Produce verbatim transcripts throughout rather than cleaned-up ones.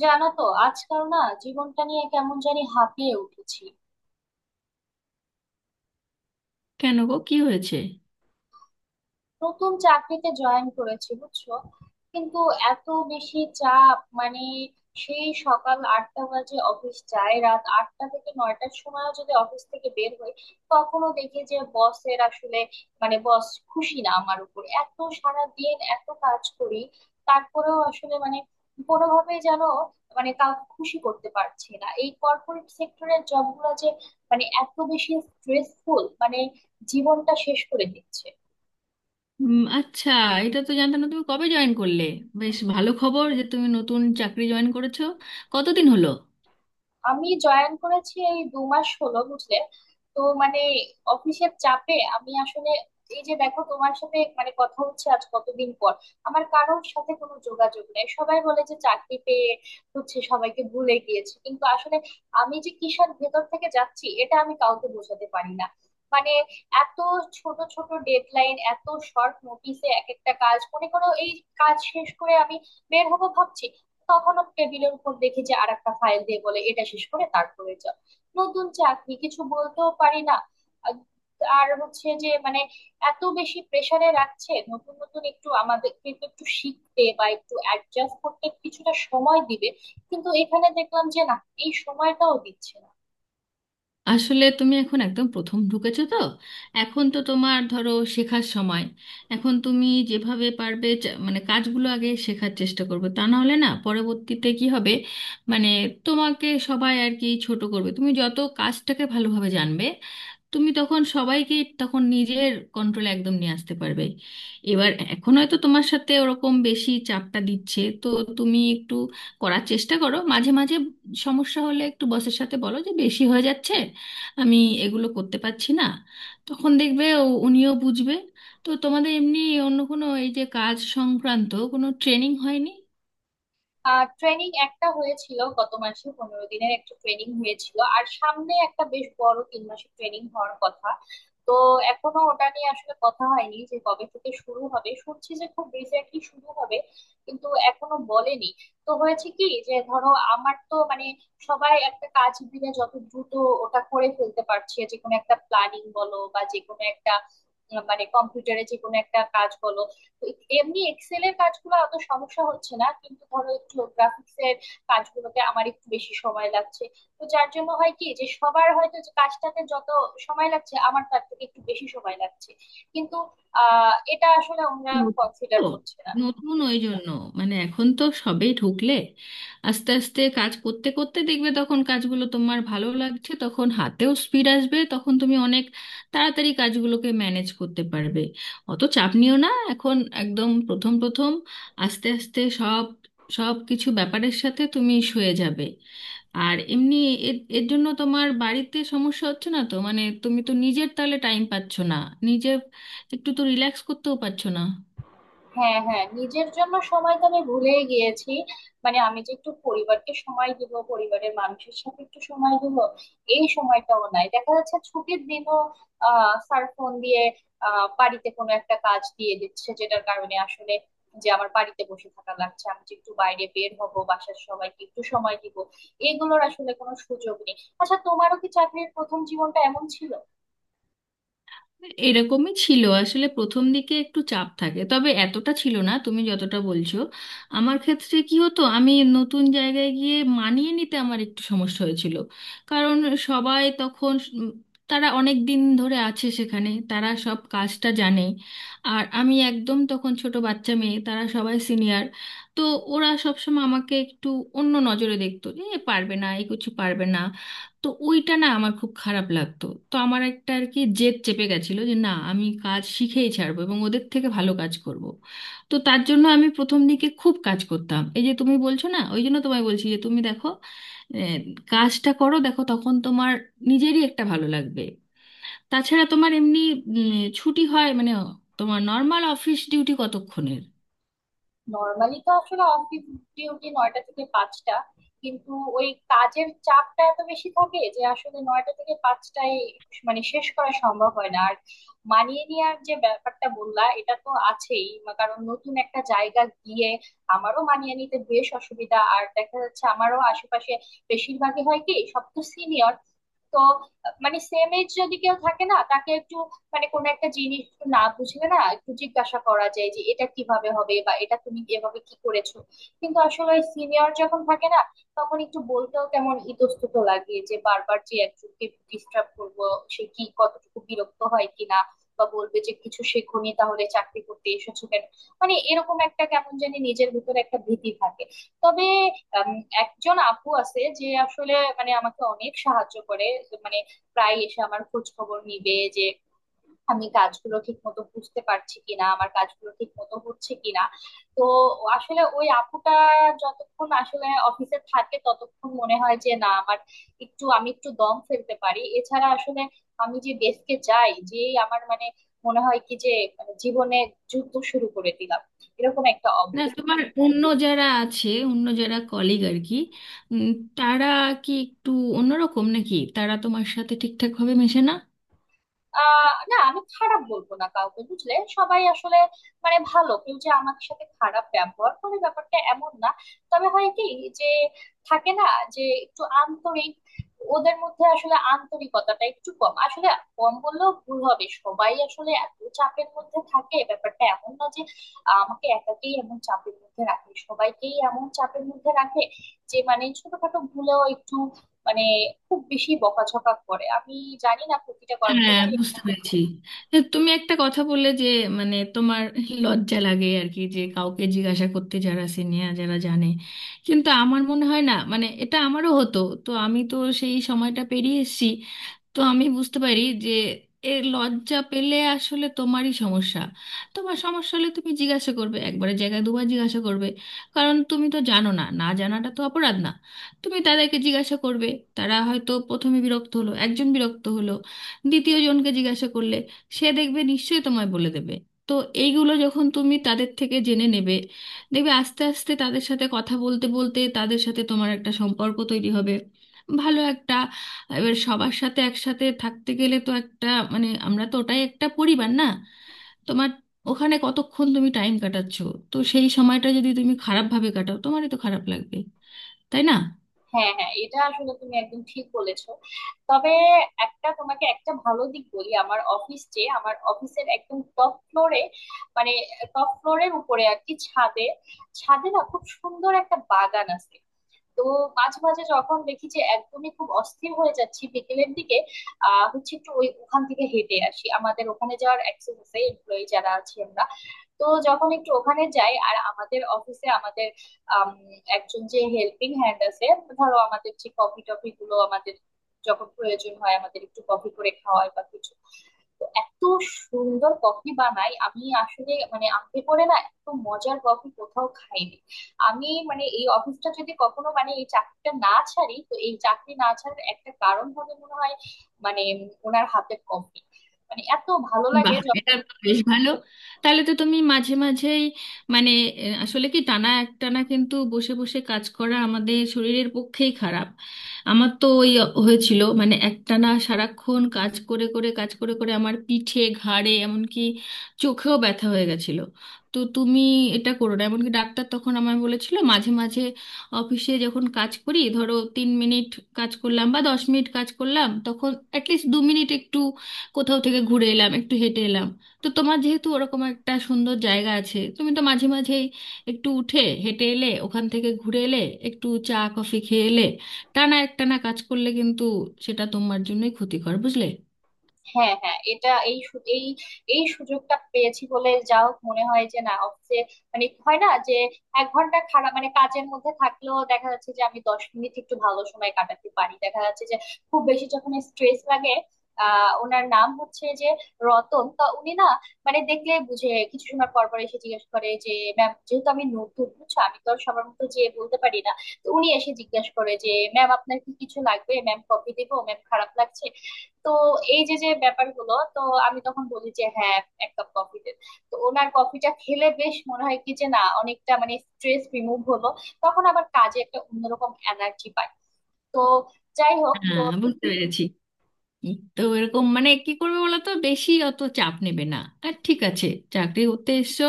জানো তো, আজকাল না জীবনটা নিয়ে কেমন জানি হাঁপিয়ে উঠেছি। কেন গো, কি হয়েছে? নতুন চাকরিতে জয়েন করেছি, বুঝছো? কিন্তু এত বেশি চাপ, মানে সেই সকাল আটটা বাজে অফিস যায়, রাত আটটা থেকে নয়টার সময় যদি অফিস থেকে বের হই, তখনও দেখি যে বসের আসলে মানে বস খুশি না আমার উপর। এত সারা দিন এত কাজ করি, তারপরেও আসলে মানে কোনোভাবেই যেন মানে কাউকে খুশি করতে পারছি না। এই কর্পোরেট সেক্টরের জবগুলো যে মানে এত বেশি স্ট্রেসফুল, মানে জীবনটা শেষ করে দিচ্ছে। উম, আচ্ছা। এটা তো জানতাম না, তুমি কবে জয়েন করলে? বেশ ভালো খবর যে তুমি নতুন চাকরি জয়েন করেছো। কতদিন হলো? আমি জয়েন করেছি এই দু মাস হলো, বুঝলে। তো মানে অফিসের চাপে আমি আসলে, এই যে দেখো তোমার সাথে মানে কথা হচ্ছে আজ কতদিন পর। আমার কারোর সাথে কোনো যোগাযোগ নেই। সবাই বলে যে চাকরি পেয়ে হচ্ছে সবাইকে ভুলে গিয়েছে, কিন্তু আসলে আমি যে কিসের ভেতর থেকে যাচ্ছি এটা আমি কাউকে বোঝাতে পারি না। মানে এত ছোট ছোট ডেডলাইন, এত শর্ট নোটিসে এক একটা কাজ। মনে করো এই কাজ শেষ করে আমি বের হবো ভাবছি, তখনও টেবিলের উপর দেখি যে আর একটা ফাইল দিয়ে বলে এটা শেষ করে তারপরে যাও। নতুন চাকরি কিছু বলতেও পারি না। আর আর হচ্ছে যে মানে এত বেশি প্রেসারে রাখছে। নতুন নতুন একটু আমাদের কিন্তু একটু শিখতে বা একটু অ্যাডজাস্ট করতে কিছুটা সময় দিবে, কিন্তু এখানে দেখলাম যে না, এই সময়টাও দিচ্ছে না। আসলে তুমি এখন একদম প্রথম ঢুকেছো তো। এখন তো তোমার ধরো শেখার সময়। এখন তুমি যেভাবে পারবে চা- মানে কাজগুলো আগে শেখার চেষ্টা করবে, তা না হলে না পরবর্তীতে কি হবে? মানে তোমাকে সবাই আর কি ছোট করবে। তুমি যত কাজটাকে ভালোভাবে জানবে, তুমি তখন সবাইকে তখন নিজের কন্ট্রোলে একদম নিয়ে আসতে পারবে। এবার এখন হয়তো তোমার সাথে ওরকম বেশি চাপটা দিচ্ছে তো, তুমি একটু করার চেষ্টা করো মাঝে মাঝে। সমস্যা হলে একটু বসের সাথে বলো যে বেশি হয়ে যাচ্ছে, আমি এগুলো করতে পারছি না। তখন দেখবে ও- উনিও বুঝবে। তো তোমাদের এমনি অন্য কোনো এই যে কাজ সংক্রান্ত কোনো ট্রেনিং হয়নি? আহ ট্রেনিং একটা হয়েছিল গত মাসে, পনেরো দিনের একটা ট্রেনিং হয়েছিল, আর সামনে একটা বেশ বড় তিন মাসের ট্রেনিং হওয়ার কথা। তো এখনো ওটা নিয়ে আসলে কথা হয়নি যে কবে থেকে শুরু হবে। শুনছি যে খুব রিসেন্টলি শুরু হবে, কিন্তু এখনো বলেনি। তো হয়েছে কি যে ধরো আমার তো মানে সবাই একটা কাজ দিলে যত দ্রুত ওটা করে ফেলতে পারছে, যে কোনো একটা প্ল্যানিং বলো বা যে কোনো একটা আহ, মানে কম্পিউটারে যে কোনো একটা কাজ বলো, এমনি এক্সেল এর কাজগুলো অত সমস্যা হচ্ছে না, কিন্তু ধরো একটু গ্রাফিক্স এর কাজগুলোতে আমার একটু বেশি সময় লাগছে। তো যার জন্য হয় কি যে সবার হয়তো যে কাজটাতে যত সময় লাগছে আমার তার থেকে একটু বেশি সময় লাগছে। কিন্তু আহ এটা আসলে আমরা নতুন, কনসিডার তো করছি না। নতুন ওই জন্য, মানে এখন তো সবেই ঢুকলে। আস্তে আস্তে কাজ করতে করতে দেখবে তখন কাজগুলো তোমার ভালো লাগছে, তখন হাতেও স্পিড আসবে, তখন তুমি অনেক তাড়াতাড়ি কাজগুলোকে ম্যানেজ করতে পারবে। অত চাপ নিও না এখন, একদম প্রথম প্রথম। আস্তে আস্তে সব সব কিছু ব্যাপারের সাথে তুমি সয়ে যাবে। আর এমনি এর এর জন্য তোমার বাড়িতে সমস্যা হচ্ছে না তো? মানে তুমি তো নিজের তাহলে টাইম পাচ্ছ না, নিজে একটু তো রিল্যাক্স করতেও পারছো না। হ্যাঁ, হ্যাঁ, নিজের জন্য সময় তো আমি ভুলেই গিয়েছি। মানে আমি যে একটু পরিবারকে সময় দিব, পরিবারের মানুষের সাথে একটু সময় দিব, এই সময়টাও নাই। দেখা যাচ্ছে ছুটির দিনও আহ স্যার ফোন দিয়ে আহ বাড়িতে কোনো একটা কাজ দিয়ে দিচ্ছে, যেটার কারণে আসলে যে আমার বাড়িতে বসে থাকা লাগছে। আমি যে একটু বাইরে বের হব, বাসার সবাইকে একটু সময় দিব, এগুলোর আসলে কোনো সুযোগ নেই। আচ্ছা, তোমারও কি চাকরির প্রথম জীবনটা এমন ছিল? এরকমই ছিল আসলে। প্রথম দিকে একটু চাপ থাকে, তবে এতটা ছিল না তুমি যতটা বলছো। আমার ক্ষেত্রে কি হতো, আমি নতুন জায়গায় গিয়ে মানিয়ে নিতে আমার একটু সমস্যা হয়েছিল। কারণ সবাই তখন উম, তারা অনেক দিন ধরে আছে সেখানে, তারা সব কাজটা জানে। আর আমি একদম তখন ছোট বাচ্চা মেয়ে, তারা সবাই সিনিয়র। তো ওরা সবসময় আমাকে একটু অন্য নজরে দেখতো, এ পারবে না, এ কিছু পারবে না। তো ওইটা না আমার খুব খারাপ লাগতো। তো আমার একটা আর কি জেদ চেপে গেছিল যে না, আমি কাজ শিখেই ছাড়বো এবং ওদের থেকে ভালো কাজ করব। তো তার জন্য আমি প্রথম দিকে খুব কাজ করতাম। এই যে তুমি বলছো না, ওই জন্য তোমায় বলছি যে তুমি দেখো, আহ, কাজটা করো, দেখো তখন তোমার নিজেরই একটা ভালো লাগবে। তাছাড়া তোমার এমনি উম, ছুটি হয় মানে, তোমার নর্মাল অফিস ডিউটি কতক্ষণের? নর্মালি তো আসলে অফিস ডিউটি নয়টা থেকে পাঁচটা, কিন্তু ওই কাজের চাপটা এত বেশি থাকে যে আসলে নয়টা থেকে পাঁচটায় মানে শেষ করা সম্ভব হয় না। আর মানিয়ে নেওয়ার যে ব্যাপারটা বললা, এটা তো আছেই মা- কারণ নতুন একটা জায়গা গিয়ে আমারও মানিয়ে নিতে বেশ অসুবিধা। আর দেখা যাচ্ছে আমারও আশেপাশে বেশিরভাগই হয় কি সব তো সিনিয়র। তো মানে সেম এজ যদি কেউ থাকে না, তাকে একটু মানে কোনো একটা জিনিস একটু না বুঝলে না একটু জিজ্ঞাসা করা যায় যে এটা কিভাবে হবে বা এটা তুমি এভাবে কি করেছো। কিন্তু আসলে সিনিয়র যখন থাকে না, তখন একটু বলতেও কেমন ইতস্তত লাগে যে বারবার যে একজনকে ডিস্টার্ব করবো, সে কি কতটুকু বিরক্ত হয় কিনা, বা বলবে যে কিছু শেখোনি তাহলে চাকরি করতে এসেছো কেন। মানে এরকম একটা কেমন জানি নিজের ভিতরে একটা ভীতি থাকে। তবে আম, একজন আপু আছে যে আসলে মানে আমাকে অনেক সাহায্য করে। মানে প্রায় এসে আমার খোঁজ খবর নিবে যে আমি কাজগুলো ঠিক মতো বুঝতে পারছি কিনা, আমার কাজগুলো ঠিক মতো হচ্ছে কিনা। তো আসলে ওই আপুটা যতক্ষণ আসলে অফিসে থাকে ততক্ষণ মনে হয় যে না, আমার একটু, আমি একটু দম ফেলতে পারি। এছাড়া আসলে আমি যে ডেস্কে যাই যেই, আমার মানে মনে হয় কি যে মানে জীবনে যুদ্ধ শুরু করে দিলাম, এরকম একটা না অবস্থা। তোমার অন্য যারা আছে, অন্য যারা কলিগ আর কি, উম, তারা কি একটু অন্যরকম, নাকি তারা তোমার সাথে ঠিকঠাক ভাবে মেশে না? আহ না, আমি খারাপ বলবো না কাউকে, বুঝলে, সবাই আসলে মানে ভালো, কেউ যে আমাদের সাথে খারাপ ব্যবহার করে ব্যাপারটা এমন না। তবে হয় কি যে থাকে না যে একটু আন্তরিক, ওদের মধ্যে আসলে আন্তরিকতাটা একটু কম। আসলে কম বললেও ভুল হবে, সবাই আসলে এত চাপের মধ্যে থাকে, ব্যাপারটা এমন না যে আহ, আমাকে একাকেই এমন চাপের মধ্যে রাখে, সবাইকেই এমন চাপের মধ্যে রাখে যে মানে ছোটখাটো ভুলেও একটু মানে খুব বেশি বকাঝকা করে। আমি জানি না প্রতিটা হ্যাঁ, কর্মক্ষেত্রে। বুঝতে পেরেছি। এ, তুমি একটা কথা বললে যে, মানে তোমার লজ্জা লাগে আর কি, যে কাউকে জিজ্ঞাসা করতে যারা সিনিয়র যারা জানে। কিন্তু আমার মনে হয় না, মানে এটা আমারও হতো, তো আমি তো সেই সময়টা পেরিয়ে এসেছি। তো আমি বুঝতে পারি যে এ লজ্জা পেলে আসলে তোমারই সমস্যা। তোমার সমস্যা হলে তুমি জিজ্ঞাসা করবে, একবারের জায়গায় দুবার জিজ্ঞাসা করবে। কারণ তুমি তো জানো না, না জানাটা তো অপরাধ না। তুমি তাদেরকে জিজ্ঞাসা করবে। তারা হয়তো প্রথমে বিরক্ত হলো, একজন বিরক্ত হলো, দ্বিতীয় জনকে জিজ্ঞাসা করলে সে দেখবে নিশ্চয়ই তোমায় বলে দেবে। তো এইগুলো যখন তুমি তাদের থেকে জেনে নেবে, দেখবে আস্তে আস্তে তাদের সাথে কথা বলতে বলতে তাদের সাথে তোমার একটা সম্পর্ক তৈরি হবে, ভালো একটা। এবার সবার সাথে একসাথে থাকতে গেলে তো একটা মানে আমরা তো ওটাই একটা পরিবার না? তোমার ওখানে কতক্ষণ তুমি টাইম কাটাচ্ছো, তো সেই সময়টা যদি তুমি খারাপভাবে কাটাও, তোমারই তো খারাপ লাগবে, তাই না? হ্যাঁ, হ্যাঁ, এটা আসলে তুমি একদম ঠিক বলেছো। তবে একটা তোমাকে একটা ভালো দিক বলি, আমার অফিস যে, আমার অফিসের একদম টপ ফ্লোরে, মানে টপ ফ্লোরের উপরে আর কি, ছাদে। ছাদে না খুব সুন্দর একটা বাগান আছে। তো মাঝে মাঝে যখন দেখি যে একদমই খুব অস্থির হয়ে যাচ্ছি বিকেলের দিকে, আহ হচ্ছে একটু ওই ওখান থেকে হেঁটে আসি। আমাদের ওখানে যাওয়ার অ্যাক্সেস আছে, এমপ্লয়ি যারা আছি আমরা। তো যখন একটু ওখানে যাই, আর আমাদের অফিসে আমাদের আম, একজন যে হেল্পিং হ্যান্ড আছে, ধরো আমাদের যে কফি টফি গুলো, আমাদের যখন প্রয়োজন হয় আমাদের একটু কফি করে খাওয়ায় বা কিছু। তো এত সুন্দর কফি বানায়, আমি আসলে মানে আমাকে করে না, এত মজার কফি কোথাও খাইনি আমি। মানে এই অফিসটা যদি কখনো মানে এই চাকরিটা না ছাড়ি, তো এই চাকরি না ছাড়ার একটা কারণ হবে মনে হয় মানে উম, ওনার হাতের কফি, মানে এত ভালো লাগে বাহ, যখন। এটা বেশ ভালো। তাহলে তো তুমি মাঝে মাঝেই মানে আহ, আসলে কি, টানা একটানা কিন্তু বসে বসে কাজ করা আমাদের শরীরের পক্ষেই খারাপ। আমার তো ওই হয়েছিল, মানে একটানা সারাক্ষণ কাজ করে করে কাজ করে করে আমার পিঠে, ঘাড়ে এমনকি চোখেও ব্যথা হয়ে গেছিল। তো তুমি এটা করো না। এমনকি ডাক্তার তখন আমায় বলেছিল মাঝে মাঝে অফিসে যখন কাজ করি, ধরো তিন মিনিট কাজ করলাম বা দশ মিনিট কাজ করলাম, তখন অ্যাটলিস্ট দু মিনিট একটু কোথাও থেকে ঘুরে এলাম, একটু হেঁটে এলাম। তো তোমার যেহেতু ওরকম একটা সুন্দর জায়গা আছে, তুমি তো মাঝে মাঝেই একটু উঠে হেঁটে এলে, ওখান থেকে ঘুরে এলে, একটু চা কফি খেয়ে এলে। টানা একটানা কাজ করলে কিন্তু সেটা তোমার জন্যই ক্ষতিকর, বুঝলে? হ্যাঁ, হ্যাঁ, এটা এই সু- এই এই সুযোগটা পেয়েছি বলে যাও মনে হয় যে না অফিসে মানে হয় না যে এক ঘন্টা খারাপ মানে কাজের মধ্যে থাকলেও দেখা যাচ্ছে যে আমি দশ মিনিট একটু ভালো সময় কাটাতে পারি। দেখা যাচ্ছে যে খুব বেশি যখন স্ট্রেস লাগে, আহ ওনার নাম হচ্ছে যে রতন, তা উনি না মানে দেখলে বুঝে কিছু সময় পর পর এসে জিজ্ঞেস করে যে ম্যাম, যেহেতু আমি নতুন বুঝছো আমি তো আর সবার মতো যেয়ে বলতে পারি না। তো উনি এসে জিজ্ঞেস করে যে ম্যাম আপনার কি কিছু লাগবে, ম্যাম কফি দিব, ম্যাম খারাপ লাগছে। তো এই যে যে ব্যাপারগুলো তো আমি তখন বলি যে হ্যাঁ, এক কাপ কফি দে। তো ওনার কফিটা খেলে বেশ মনে হয় কি যে না অনেকটা মানে স্ট্রেস রিমুভ হলো, তখন আবার কাজে একটা অন্যরকম এনার্জি পাই। তো যাই হোক, তো হ্যাঁ, বুঝতে পেরেছি। এই তো এরকম, মানে কি করবে বলো, তো বেশি অত চাপ নেবে না আর, ঠিক আছে? চাকরি করতে এসছো,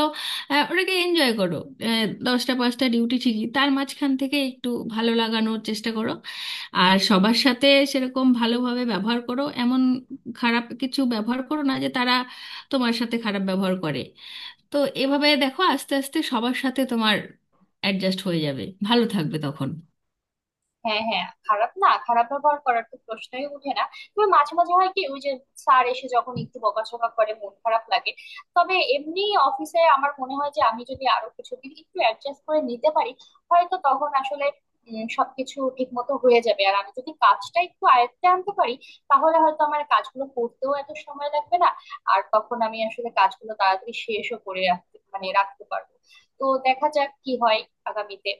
আহ, ওটাকে এনজয় করো। আহ, দশটা পাঁচটা ডিউটি ঠিকই, তার মাঝখান থেকে একটু ভালো লাগানোর চেষ্টা করো। আর সবার সাথে সেরকম ভালোভাবে ব্যবহার করো, এমন খারাপ কিছু ব্যবহার করো না যে তারা তোমার সাথে খারাপ ব্যবহার করে। তো এভাবে দেখো, আস্তে আস্তে সবার সাথে তোমার অ্যাডজাস্ট হয়ে যাবে, ভালো থাকবে তখন। হ্যাঁ, হ্যাঁ, খারাপ না, খারাপ ব্যবহার করার তো প্রশ্নই উঠে না। তবে মাঝে মাঝে হয় কি, ওই যে স্যার এসে যখন একটু বকাঝকা করে, মন খারাপ লাগে। তবে এমনি অফিসে আমার মনে হয় যে আমি যদি আরো কিছুদিন একটু অ্যাডজাস্ট করে নিতে পারি, হয়তো তখন আসলে উম, সবকিছু ঠিক মতো হয়ে যাবে। আর আমি যদি কাজটা একটু আয়ত্তে আনতে পারি, তাহলে হয়তো আমার কাজগুলো করতেও এত সময় লাগবে না। আর তখন আমি আসলে কাজগুলো তাড়াতাড়ি শেষও করে রাখতে মানে রাখতে পারবো। তো দেখা যাক কি হয় আগামীতে।